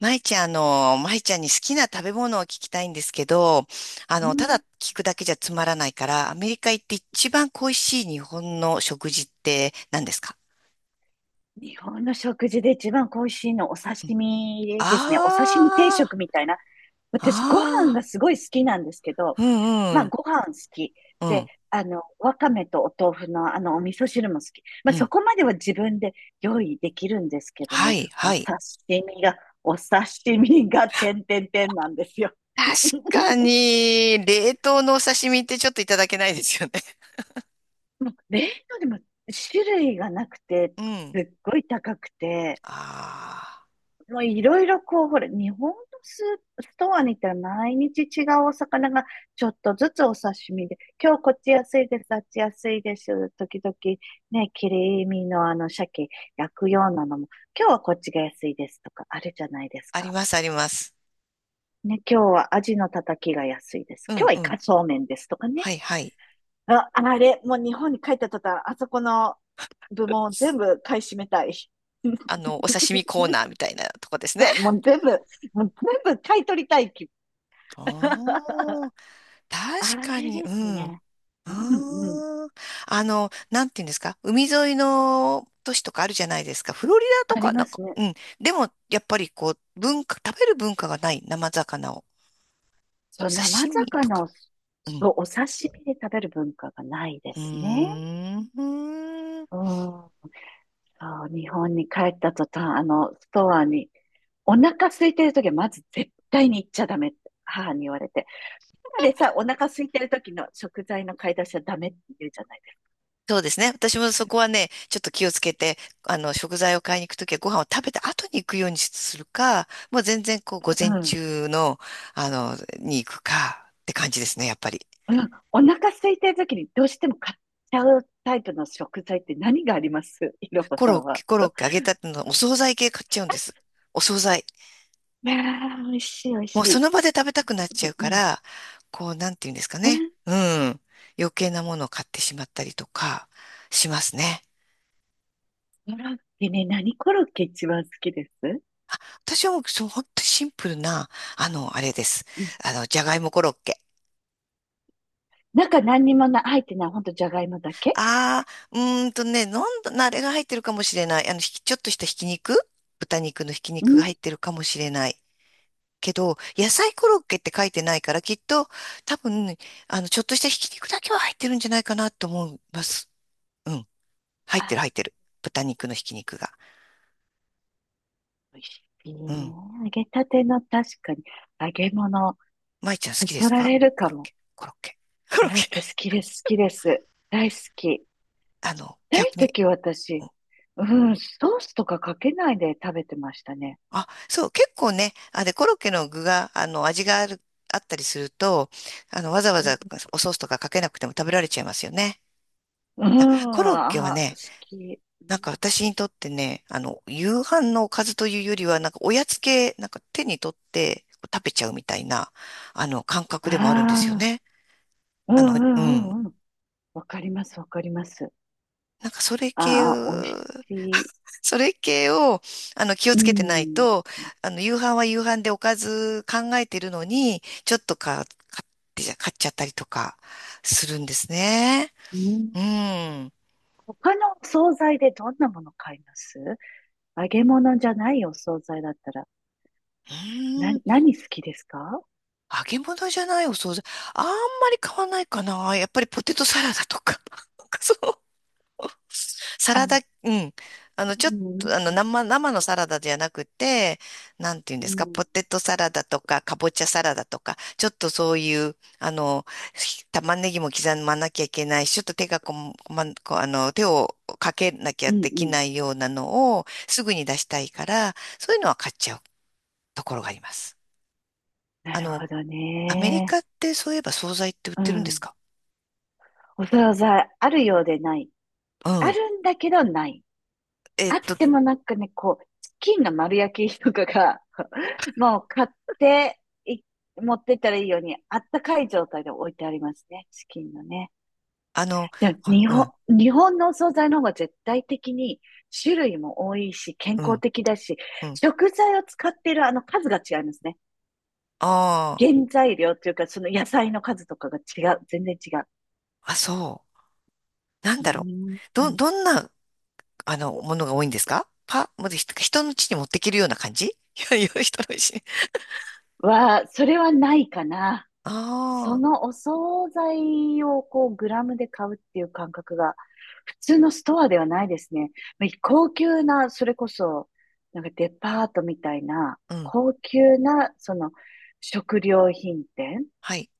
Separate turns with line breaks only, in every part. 舞ちゃん、舞ちゃんに好きな食べ物を聞きたいんですけど、
う
ただ
ん。
聞くだけじゃつまらないから、アメリカ行って一番恋しい日本の食事って何ですか？
日本の食事で一番恋しいのお刺
あ
身ですね。お刺身定食み
ー、
たいな。私、ご飯
あ
がすごい好きなんですけど、
ー、うん
ま
う
あ、
ん、
ご飯好き。
う
で、
ん、
わかめとお豆腐のお味噌汁も好き。ま
う
あ、そ
ん。
こまでは自分で用意できるんですけど
は
ね。
い、
お
は
刺
い。
身が、お刺身が、てんてんてんなんですよ。
確か に、冷凍のお刺身ってちょっといただけないですよね。
もう冷凍でも種類がなくて、
う
す
ん。
っごい高くて、
あ
もういろいろこう、ほら、日本のスストアに行ったら毎日違うお魚がちょっとずつお刺身で、今日こっち安いです、あっち安いです、時々ね、切り身のあの鮭焼くようなのも、今日はこっちが安いですとかあるじゃないです
ー、あり
か。
ます、あります。
ね、今日はアジのたたきが安いです。
う
今日
ん
は
う
イ
ん。
カそうめんですとか
は
ね。
い、はい。
あ、あれ、もう日本に帰った途端、あそこの部門全部買い占めたい。
お刺身コーナ ーみたいなとこですね。
そう、もう全部買い取りたい気。
あ ー
あ
確か
れ
に、
で
う
す
ん。
ね。
あ
うんうん。
ーなんていうんですか、海沿いの都市とかあるじゃないですか。フロリダと
あり
か、な
ま
ん
す
か、
ね。
うん。でも、やっぱりこう、文化、食べる文化がない生魚を、
そう、
刺
生
身と
魚
か。
を、
うん。
そう、お刺身で食べる文化がないで
う
すね。
ー
うん。
ん。
そう、日本に帰った途端、あの、ストアに、お腹空いてる時はまず絶対に行っちゃダメって母に言われて。今でさ、お腹空いてる時の食材の買い出しはダメって言うじゃないで
そうですね。私もそこはね、ちょっと気をつけて、食材を買いに行くときはご飯を食べた後に行くようにするか、もう全然こう、
す
午
う
前
か。
中の、に行くかって感じですね、やっぱり。
うん、お腹空いてる時にどうしても買っちゃうタイプの食材って何がありますいろは
コ
さ
ロ
ん
ッケ、
は。
コロッケ、揚げたてのお惣菜系買っちゃうんです。お惣菜。
いやー、美味しい美味
も
し
うそ
い。
の場で食べたくなっち
う
ゃ
ん
う
う
か
ん。
ら、こう、なんて言うんですか
う
ね。
ん。
うん。余計なものを買ってしまったりとか、しますね。
コロッケね、何コロッケ一番好きです？
私はもう、そう、本当にシンプルな、あれです。
うん。
じゃがいもコロッケ。
中何にもな、入ってない、ほんとじゃがいもだけ。
ああ、うーんとね、なんだ、なあれが入ってるかもしれない。ちょっとしたひき肉豚肉のひき
う
肉が
ん。
入ってるかもしれない。けど、野菜コロッケって書いてないから、きっと、多分、ちょっとしたひき肉だけは入ってるんじゃないかなと思います。うん。入っ
あ、
てる、入ってる。豚肉のひき肉が。
美味しい
う
ね。
ん。
揚げたての確かに、揚げ物、
舞ちゃん好
そ
きで
そ
す
ら
か
れるか
コロッ
も。
ケ、コロッケ、コ
コ
ロッ
ロッ
ケ。
ケ好 きです、好きです。大好き。
逆
大
に。
時私、うん、ソースとかかけないで食べてましたね。
あ、そう、結構ね、あでコロッケの具が、味がある、あったりすると、わざわざ
う
おソースとかかけなくても食べられちゃいますよね。
ん、
コロッケは
あ、好
ね、
き。
なんか私にとってね、夕飯のおかずというよりは、なんかおやつ系、なんか手に取って食べちゃうみたいな、感覚
あ
でもあるんですよ
あ、
ね。
う
あの、
んう
うん。
んうんうん。わかります、わかります。
なんかそれ系を、
ああ、美味しい。
それ系を、気を
う
つけてない
ん。
と、夕飯は夕飯でおかず考えてるのに、ちょっとか、買っちゃったりとか、するんですね。
うん、
うん。
他のお惣菜でどんなもの買います？揚げ物じゃないお惣菜だったら、な、
うん。
何好きですか？
揚げ物じゃないお惣菜。あんまり買わないかな。やっぱりポテトサラダとか。なんかそう。サ
あ、う
ラダ、
ん
うん。
う
ちょっと、
ん、
生のサラダじゃなくて、なんていうん
う
ですか、
ん、
ポテトサラダとか、かぼちゃサラダとか、ちょっとそういう、玉ねぎも刻まなきゃいけないし、ちょっと手がこん、こま、こ、手をかけなきゃ
うん、
で
う
き
ん。
ないようなのを、すぐに出したいから、そういうのは買っちゃうところがあります。
な
あ
る
の、
ほど
アメリ
ね。
カってそういえば惣菜って売っ
う
てるんです
ん。
か？
お惣菜、あるようでない。
う
あ
ん。
るんだけどない。
えっ
あっ
と、
てもなんかね、こう、チキンの丸焼きとかが もう買ってい、持ってったらいいように、あったかい状態で置いてありますね、チキンのね。
あの、
でも
あ、
日
うん、
本、日本のお惣菜の方が絶対的に種類も多いし、健
う
康
ん、
的だし、
うん。
食材を使っているあの数が違いますね。
あ
原材料っていうか、その野菜の数とかが違う。全然違う。
あ、あ、そう。なん
う
だろ
ー
う。ど
ん。
んな、ものが多いんですか？もう人の家に持ってけるような感じいやいや、人の家
は、それはないかな。そ
あ
のお惣菜をこうグラムで買うっていう感覚が普通のストアではないですね。まあ高級な、それこそ、なんかデパートみたいな、
あ、うん、
高級な、その食料品店。
はい。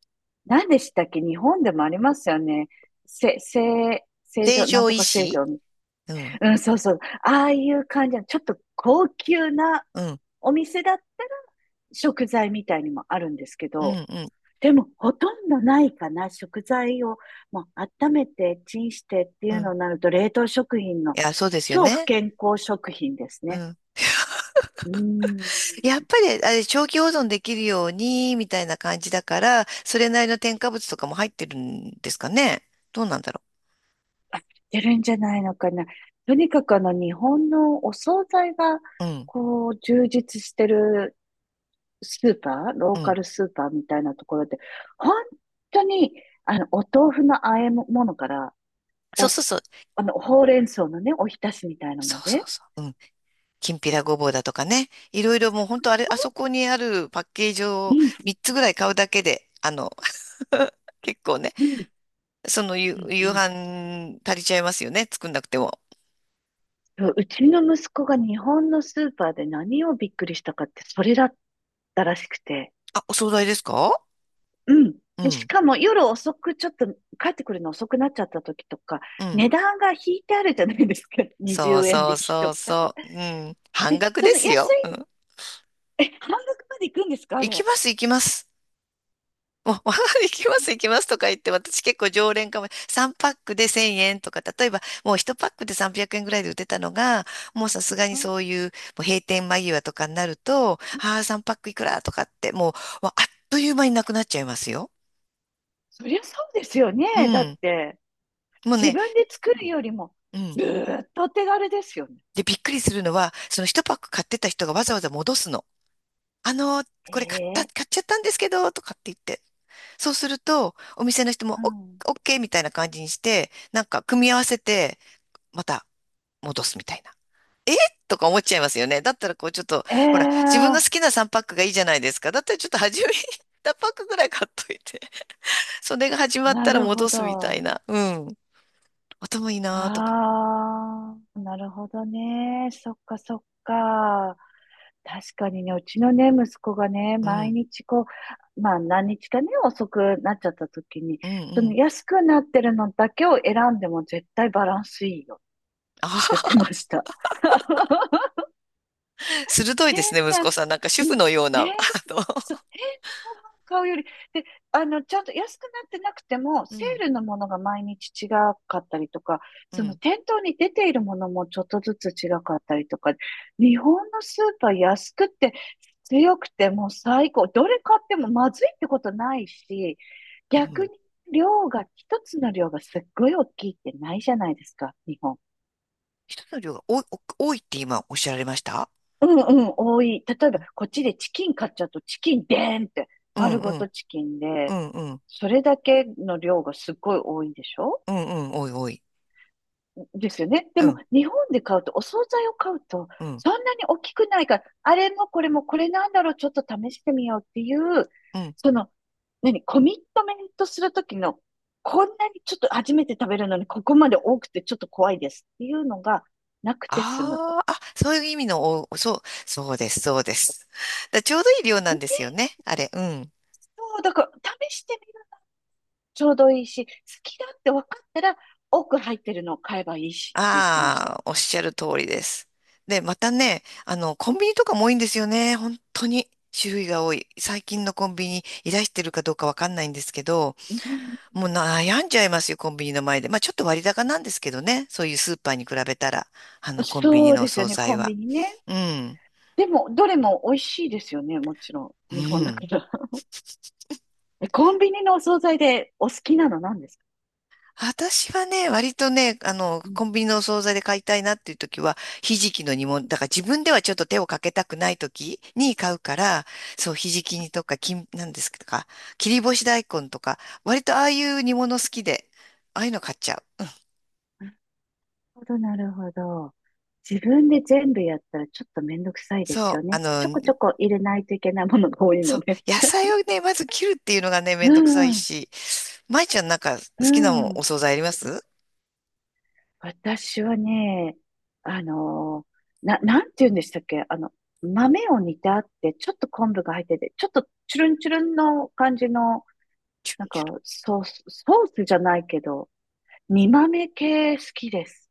何でしたっけ日本でもありますよね。せ、せ、成
成
城、なん
城
とか
石
正
井
常。う
うん、
ん、そうそう。ああいう感じの、ちょっと高級な
うん、
お店だったら食材みたいにもあるんですけ
うん、
ど、
うん、
でも、ほとんどないかな。食材をもう温めて、チンしてって
う
いう
ん。い
のになると、冷凍食品の
や、そうですよ
超不
ね。
健康食品です
う
ね。
ん
うーん。
やっぱり、あれ、長期保存できるように、みたいな感じだから、それなりの添加物とかも入ってるんですかね。どうなんだろ
あ、出るんじゃないのかな。とにかくあの、日本のお惣菜が、
う。うん、
こう、充実してるスーパー、ロ
う
ーカ
ん。
ルスーパーみたいなところで、本当に、あの、お豆腐の和え物から、
そ
お
うそ
す、
うそう。
あの、ほうれん草のね、おひたしみたいの
そ
ま
うそ
で、
うそう。うん。きんぴらごぼうだとかね。いろいろもう本当あれ、あそこにあるパッケージ
う
を
ん、
3つぐらい買うだけで、結構ね、
うん、うん、う
夕
ん。
飯足りちゃいますよね。作んなくても。
そううちの息子が日本のスーパーで何をびっくりしたかって、それだったらしくて。
あ、お惣菜ですか？
うん。
う
で、し
ん、
かも夜遅く、ちょっと帰ってくるの遅くなっちゃった時とか、
うん。
値段が引いてあるじゃないですか。20
そう
円
そう
引き
そ
と
う
か。
そう。うん。半
で、
額
そ
で
の
す
安
よ。う
い、
ん。
え、半額まで行くんですか、あ
行き
れ。
ます、行きます。もう、お 行きます、行きますとか言って、私結構常連かも。3パックで1000円とか、例えばもう1パックで300円ぐらいで売ってたのが、もうさすがに
うん
そういう、もう閉店間際とかになると、
うん。
ああ、3パックいくらとかって、もう、わあっという間になくなっちゃいますよ。
そりゃそうですよ
う
ね。だっ
ん。
て、
もう
自
ね、
分で作るよりも、
う
ず
ん。
ーっとお手軽ですよね。
で、びっくりするのは、その1パック買ってた人がわざわざ戻すの。あのー、これ買った、
ええ。
買っちゃったんですけど、とかって言って。そうすると、お店の人も、
うん。
オッケーみたいな感じにして、なんか組み合わせて、また戻すみたいな。えとか思っちゃいますよね。だったらこうちょっと、
え
ほら、自分の
え。
好きな3パックがいいじゃないですか。だったらちょっと初めに1パックぐらい買っといて、それが始まっ
な
たら
るほ
戻すみたい
ど。
な。うん。頭いいなーとか。
ああ、なるほどね。そっかそっか。確かにね、うちのね、息子がね、
う
毎
ん。
日こう、まあ何日かね、遅くなっちゃった時に、
うん
そ
う
の
ん。
安くなってるのだけを選んでも絶対バランスいいよって
あ
言っ
あ、
てました。
鋭いで
変
すね、息子
な、
さん。なんか主
う
婦
ん、
のような。
変、
の、
そう、変なご飯買うより、で、あの、ちゃんと安くなってなくても、
う
セ
ん、
ールのものが毎日違かったりとか、
う
その
ん、
店頭に出ているものもちょっとずつ違かったりとか、日本のスーパー安くて強くてもう最高。どれ買ってもまずいってことないし、
う
逆
ん。
に量が、一つの量がすっごい大きいってないじゃないですか、日本。
人の量が多い、お多いって今おっしゃられました？
うんうん、多い。例え
う
ば、
ん、
こっちでチキン買っちゃうと、チキンでーんって、
うん、
丸ご
う
とチキンで、
ん、うん、
それだけの量がすっごい多いでしょ
うん、うん、多い、多い。
ですよね。で
う
も、
ん、
日本で買うと、お惣菜を買うと、
うん、
そんなに大きくないから、あれもこれもこれなんだろう、ちょっと試してみようっていう、
うん。
その、何、コミットメントするときの、こんなにちょっと初めて食べるのに、ここまで多くてちょっと怖いですっていうのがなくて済むと。
ああ、あ、そういう意味の、お、そう、そうです、そうです。だちょうどいい量な
う
ん
ん。
ですよね、あれ。うん。
そう、だから、試してちょうどいいし、好きだって分かったら、多く入ってるのを買えばいいしって言ってました。
ああ、おっしゃる通りです。で、またね、コンビニとかも多いんですよね、本当に。種類が多い。最近のコンビニいらしてるかどうかわかんないんですけど、
うん、
もう悩んじゃいますよ、コンビニの前で。まあちょっと割高なんですけどね、そういうスーパーに比べたら、コンビニ
そう
のお
ですよ
惣
ね、
菜
コンビ
は。
ニね。
うん。
でも、どれも美味しいですよね、もちろ
う
ん。日本だ
ん。
から。えコンビニのお惣菜でお好きなの何ですか？
私はね、割とね、
う
コ
ん。
ンビニのお惣菜で買いたいなっていう時は、ひじきの煮物、だから自分ではちょっと手をかけたくない時に買うから、そう、ひじき煮とか、きん、なんですか、切り干し大根とか、割とああいう煮物好きで、ああいうの買っちゃう。
なるほど、なるほど。自分で全部やったらちょっとめんどくさいで
そ
す
う、
よね。ちょこちょこ入れないといけないものが多い
そ
の
う、
で。
野菜をね、まず切るっていうのがね、めん
う
どくさい
ん、
し、まいちゃんなんか好
う
きなもんお
ん。
惣菜あります
私はね、あのなんて言うんでしたっけあの、豆を煮てあって、ちょっと昆布が入ってて、ちょっとチュルンチュルンの感じの、なんか、ソースじゃないけど、煮豆系好きです。